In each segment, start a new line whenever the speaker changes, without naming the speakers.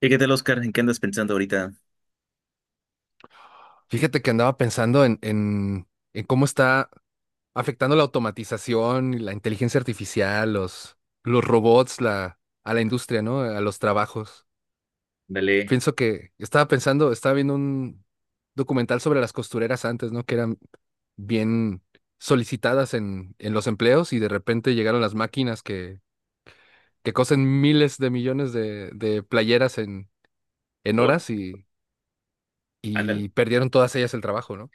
¿Y qué tal, Oscar? ¿En qué andas pensando ahorita?
Fíjate que andaba pensando en cómo está afectando la automatización y la inteligencia artificial, los robots, a la industria, ¿no? A los trabajos.
Ándale,
Pienso que estaba pensando, Estaba viendo un documental sobre las costureras antes, ¿no? Que eran bien solicitadas en los empleos, y de repente llegaron las máquinas que cosen miles de millones de playeras en
por,
horas
ándale,
y perdieron todas ellas el trabajo, ¿no?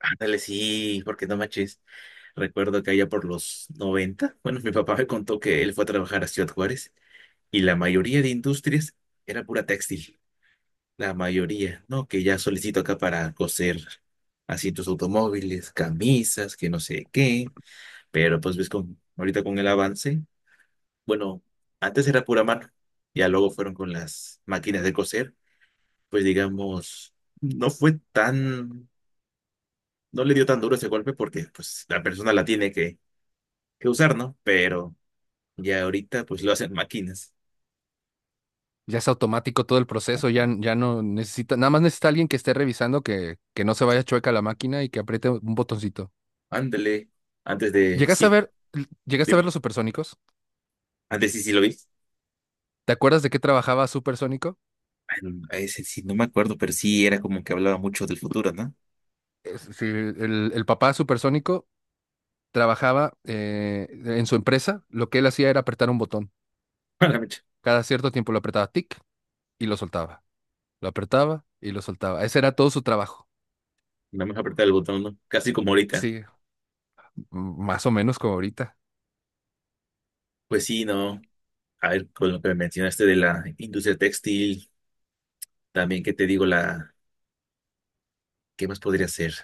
ándale, sí, porque no manches. Recuerdo que allá por los 90, bueno, mi papá me contó que él fue a trabajar a Ciudad Juárez y la mayoría de industrias era pura textil, la mayoría, ¿no? Que ya solicito acá para coser asientos automóviles, camisas, que no sé qué, pero pues ahorita con el avance, bueno, antes era pura mano, ya luego fueron con las máquinas de coser pues digamos, no fue tan, no le dio tan duro ese golpe porque pues la persona la tiene que usar, ¿no? Pero ya ahorita pues lo hacen máquinas.
Ya es automático todo el proceso, ya, ya no necesita, nada más necesita alguien que esté revisando que no se vaya chueca la máquina y que apriete un botoncito.
Ándale,
¿Llegaste a
sí,
ver, ¿Llegaste a
de-
ver los supersónicos?
antes sí, sí lo vi.
¿Te acuerdas de qué trabajaba Supersónico?
Bueno, a ese sí, no me acuerdo, pero sí era como que hablaba mucho del futuro, ¿no?
Sí, el papá Supersónico trabajaba en su empresa. Lo que él hacía era apretar un botón.
A la mecha,
Cada cierto tiempo lo apretaba, tic, y lo soltaba. Lo apretaba y lo soltaba. Ese era todo su trabajo.
no me apretar el botón, ¿no? Casi como ahorita.
Sí, más o menos como ahorita.
Pues sí, no. A ver, con lo que me mencionaste de la industria textil, también, ¿qué te digo? ¿Qué más podría ser?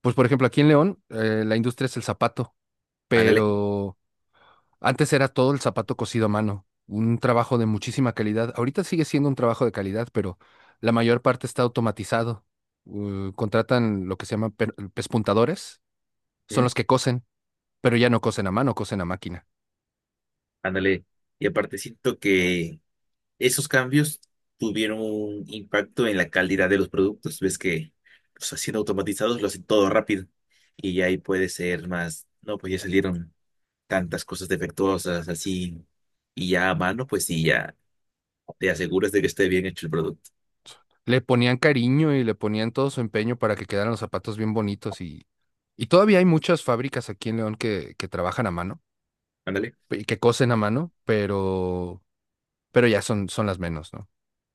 Pues por ejemplo, aquí en León, la industria es el zapato,
Ándale,
pero antes era todo el zapato cosido a mano, un trabajo de muchísima calidad. Ahorita sigue siendo un trabajo de calidad, pero la mayor parte está automatizado. Contratan lo que se llaman pespuntadores, son
¿mm?
los que cosen, pero ya no cosen a mano, cosen a máquina.
Ándale. Y aparte siento que esos cambios tuvieron un impacto en la calidad de los productos. Ves que pues, siendo automatizados lo hacen todo rápido y ahí puede ser más, no, pues ya salieron tantas cosas defectuosas así y ya a mano, pues sí, ya te aseguras de que esté bien hecho el producto.
Le ponían cariño y le ponían todo su empeño para que quedaran los zapatos bien bonitos, y todavía hay muchas fábricas aquí en León que trabajan a mano,
Ándale.
y que cosen a mano, pero ya son, son las menos, ¿no?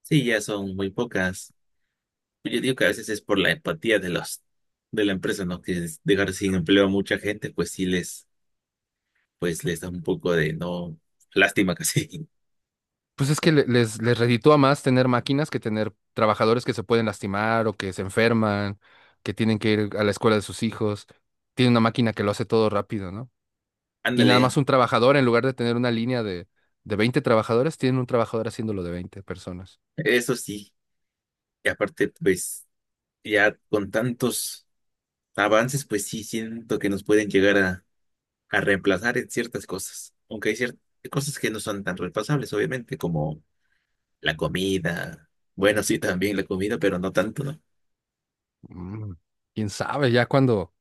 Sí, ya son muy pocas. Yo digo que a veces es por la empatía de los de la empresa, ¿no? Que es dejar sin empleo a mucha gente, pues les da un poco de no, lástima casi.
Pues es que les reditúa más tener máquinas que tener trabajadores que se pueden lastimar o que se enferman, que tienen que ir a la escuela de sus hijos. Tiene una máquina que lo hace todo rápido, ¿no? Y nada
Ándale,
más un trabajador: en lugar de tener una línea de veinte trabajadores, tienen un trabajador haciéndolo de veinte personas.
eso sí. Y aparte, pues ya con tantos avances, pues sí siento que nos pueden llegar a reemplazar en ciertas cosas. Aunque hay ciertas cosas que no son tan reemplazables, obviamente, como la comida. Bueno, sí, también la comida, pero no tanto, ¿no?
Mm. ¿Quién sabe? Ya cuando,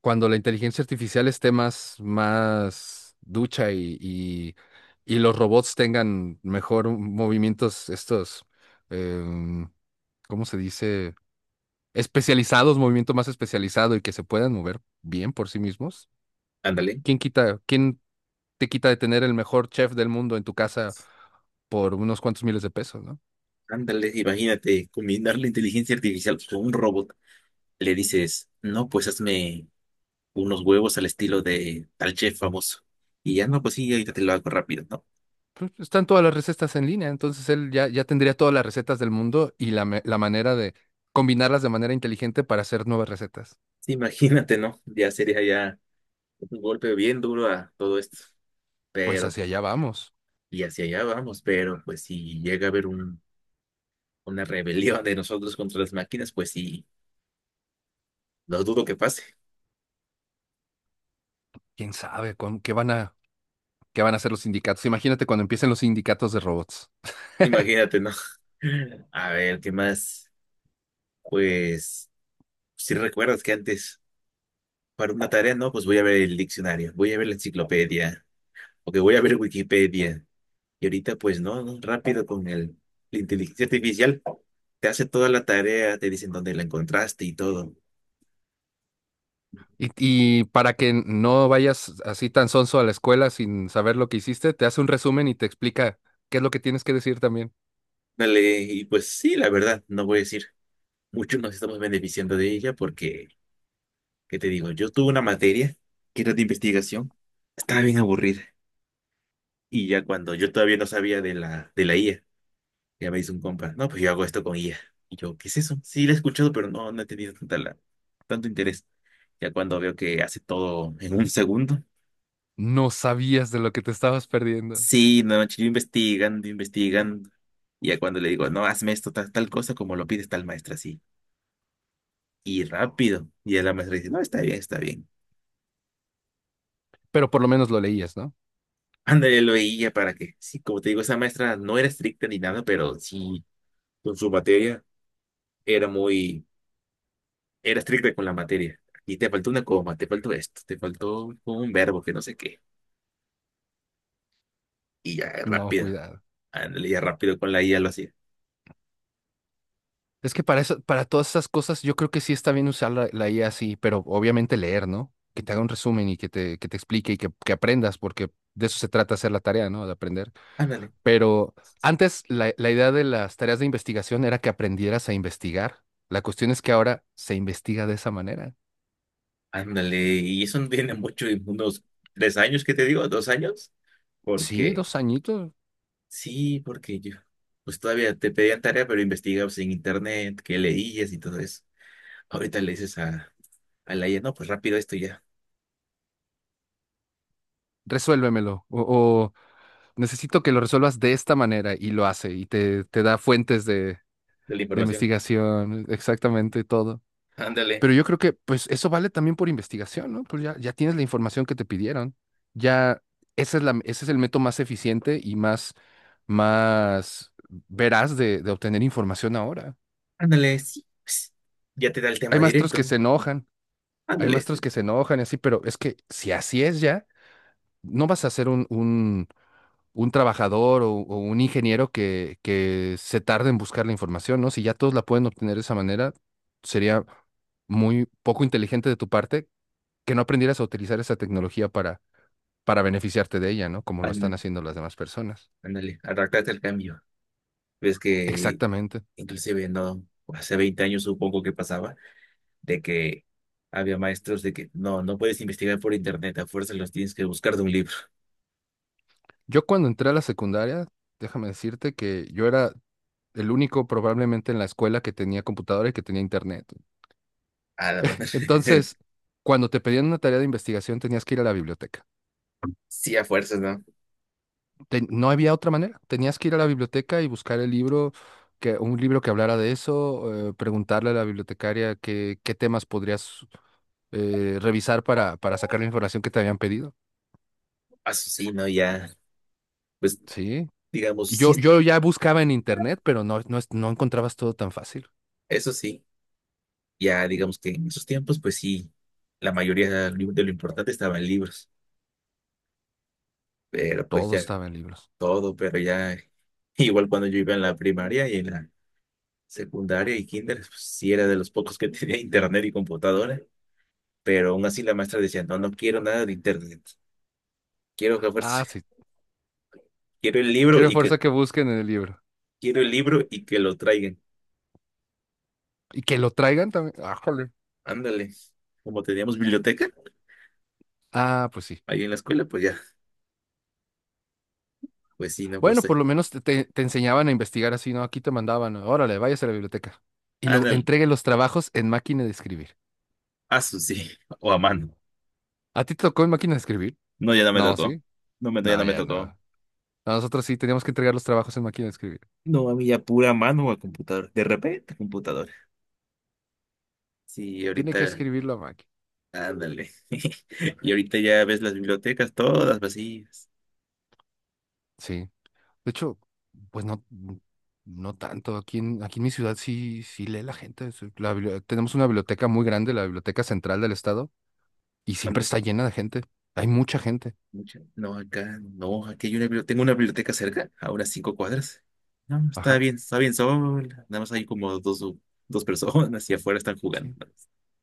cuando la inteligencia artificial esté más, más ducha, y los robots tengan mejor movimientos, estos, em, ¿cómo se dice? Especializados, movimiento más especializado y que se puedan mover bien por sí mismos.
Ándale,
¿Quién te quita de tener el mejor chef del mundo en tu casa por unos cuantos miles de pesos, ¿no?
ándale, imagínate combinar la inteligencia artificial con un robot. Le dices, no, pues hazme unos huevos al estilo de tal chef famoso. Y ya no, pues sí, ahorita te lo hago rápido, ¿no?
Pues están todas las recetas en línea, entonces él ya, ya tendría todas las recetas del mundo y la manera de combinarlas de manera inteligente para hacer nuevas recetas.
Sí, imagínate, ¿no? Ya sería ya. Un golpe bien duro a todo esto,
Pues
pero,
hacia allá vamos.
y hacia allá vamos, pero pues si llega a haber un, una rebelión de nosotros contra las máquinas, pues sí, lo dudo que pase,
¿Quién sabe con qué van a hacer los sindicatos? Imagínate cuando empiecen los sindicatos de robots.
imagínate, ¿no? A ver, ¿qué más? Pues, si recuerdas que antes, para una tarea, no, pues voy a ver el diccionario, voy a ver la enciclopedia, o que voy a ver Wikipedia, y ahorita pues no, no, rápido con el, la inteligencia artificial, te hace toda la tarea, te dicen dónde la encontraste y todo.
Y, y para que no vayas así tan sonso a la escuela sin saber lo que hiciste, te hace un resumen y te explica qué es lo que tienes que decir también.
Dale, y pues sí, la verdad, no voy a decir. Muchos nos estamos beneficiando de ella porque, ¿qué te digo? Yo tuve una materia que era de investigación, estaba bien aburrida. Y ya cuando yo todavía no sabía de la IA, ya me hizo un compa, no, pues yo hago esto con IA. Y yo, ¿qué es eso? Sí, la he escuchado, pero no, no he tenido tanto interés. Ya cuando veo que hace todo en un segundo,
No sabías de lo que te estabas perdiendo,
sí, no, yo investigando, investigando. Y ya cuando le digo, no, hazme esto, tal, tal cosa, como lo pides tal maestra, sí. Y rápido. Y ya la maestra dice, no, está bien, está bien.
pero por lo menos lo leías, ¿no?
Ándale, lo veía para que, sí, como te digo, esa maestra no era estricta ni nada, pero sí, con su materia era muy, era estricta con la materia. Y te faltó una coma, te faltó esto, te faltó un verbo que no sé qué. Y ya,
No,
rápido,
cuidado.
ándale, ya rápido con la IA lo hacía.
Es que para eso, para todas esas cosas, yo creo que sí está bien usar la IA así, pero obviamente leer, ¿no? Que te haga un resumen y que que te explique y que aprendas, porque de eso se trata hacer la tarea, ¿no? De aprender.
Ándale,
Pero antes la idea de las tareas de investigación era que aprendieras a investigar. La cuestión es que ahora se investiga de esa manera.
ándale. Y eso no tiene mucho, unos 3 años, ¿que te digo? ¿2 años?
Sí,
Porque,
dos añitos,
sí, porque yo, pues todavía te pedían tarea, pero investigabas en internet, qué leías y todo eso. Ahorita le dices a, la IA, no, pues rápido esto ya.
resuélvemelo. O necesito que lo resuelvas de esta manera, y lo hace, y te da fuentes
De la
de
información.
investigación, exactamente todo.
Ándale,
Pero yo creo que pues eso vale también por investigación, ¿no? Pues ya, ya tienes la información que te pidieron. Ya esa es la, ese es el método más eficiente y más, más veraz de obtener información ahora.
ándale, sí, pues, ya te da el
Hay
tema
maestros que
directo.
se enojan, hay
Ándale,
maestros
este.
que se enojan y así, pero es que si así es ya, no vas a ser un trabajador o un ingeniero que se tarde en buscar la información, ¿no? Si ya todos la pueden obtener de esa manera, sería muy poco inteligente de tu parte que no aprendieras a utilizar esa tecnología para beneficiarte de ella, ¿no? Como lo están
Ándale,
haciendo las demás personas.
ándale, adaptarte al cambio. Ves que
Exactamente.
inclusive no, hace 20 años supongo que pasaba, de que había maestros de que no, no puedes investigar por internet, a fuerzas los tienes que buscar de un libro.
Yo cuando entré a la secundaria, déjame decirte que yo era el único probablemente en la escuela que tenía computadora y que tenía internet.
Ah, la madre.
Entonces, cuando te pedían una tarea de investigación, tenías que ir a la biblioteca.
Sí, a fuerzas, ¿no?
No había otra manera. Tenías que ir a la biblioteca y buscar el libro, un libro que hablara de eso, preguntarle a la bibliotecaria qué temas podrías revisar para sacar la información que te habían pedido.
Ah, eso sí, ¿no? Ya, pues
Sí.
digamos,
Y
sí,
yo ya buscaba en internet, pero no encontrabas todo tan fácil.
eso sí, ya digamos que en esos tiempos, pues sí, la mayoría de lo importante estaba en libros, pero pues
Todo
ya
estaba en libros.
todo, pero ya igual cuando yo iba en la primaria y en la secundaria y kinder, pues, sí era de los pocos que tenía internet y computadora, pero aún así la maestra decía, no, no quiero nada de internet, quiero que a fuerza-
Ah, sí.
quiero el libro
Quiero
y que,
fuerza que busquen en el libro.
lo traigan.
Y que lo traigan también. Ah, jole.
Ándale, como teníamos biblioteca
Ah, pues sí.
ahí en la escuela, pues ya, pues sí, no, pues
Bueno,
sí.
por lo menos te enseñaban a investigar así, ¿no? Aquí te mandaban, órale, váyase a la biblioteca. Y luego
Ándale,
entregue los trabajos en máquina de escribir.
a su sí, o a mano.
¿A ti te tocó en máquina de escribir?
No, ya no me
No,
tocó.
¿sí?
No, ya
No,
no me
ya no.
tocó.
No, nosotros sí teníamos que entregar los trabajos en máquina de escribir.
No, a mí ya pura mano o a computador. De repente, computador. Sí,
Tiene que
ahorita.
escribir la máquina.
Ándale. Y ahorita ya ves las bibliotecas todas vacías.
Sí. De hecho, pues no, no tanto. Aquí en, aquí en mi ciudad sí, sí lee la gente. Sí, tenemos una biblioteca muy grande, la Biblioteca Central del Estado, y siempre
Ándale.
está llena de gente. Hay mucha gente.
No, acá, no, aquí hay una biblioteca. Tengo una biblioteca cerca, a unas 5 cuadras. No, no,
Ajá.
está bien sola. Nada más hay como dos personas y afuera están jugando.
Sí.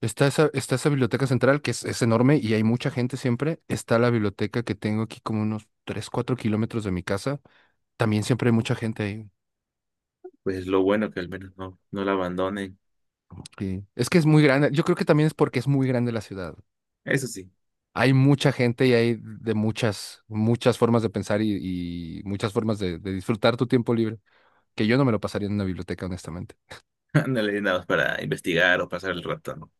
Está esa biblioteca central que es enorme y hay mucha gente siempre. Está la biblioteca que tengo aquí como unos 3 4 kilómetros de mi casa. También siempre hay mucha gente ahí.
Pues lo bueno que al menos no, no la abandonen.
Sí. Es que es muy grande. Yo creo que también es porque es muy grande la ciudad.
Eso sí,
Hay mucha gente, y hay de muchas, muchas formas de pensar y muchas formas de disfrutar tu tiempo libre, que yo no me lo pasaría en una biblioteca, honestamente.
ándale, nada más para investigar o pasar el rato, ¿no?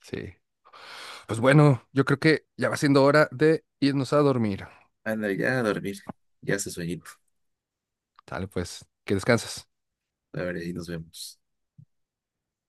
Sí. Pues bueno, yo creo que ya va siendo hora de irnos a dormir.
Ándale, ya a dormir. Ya hace sueñito.
Dale, pues, que descanses.
A ver, ahí nos vemos.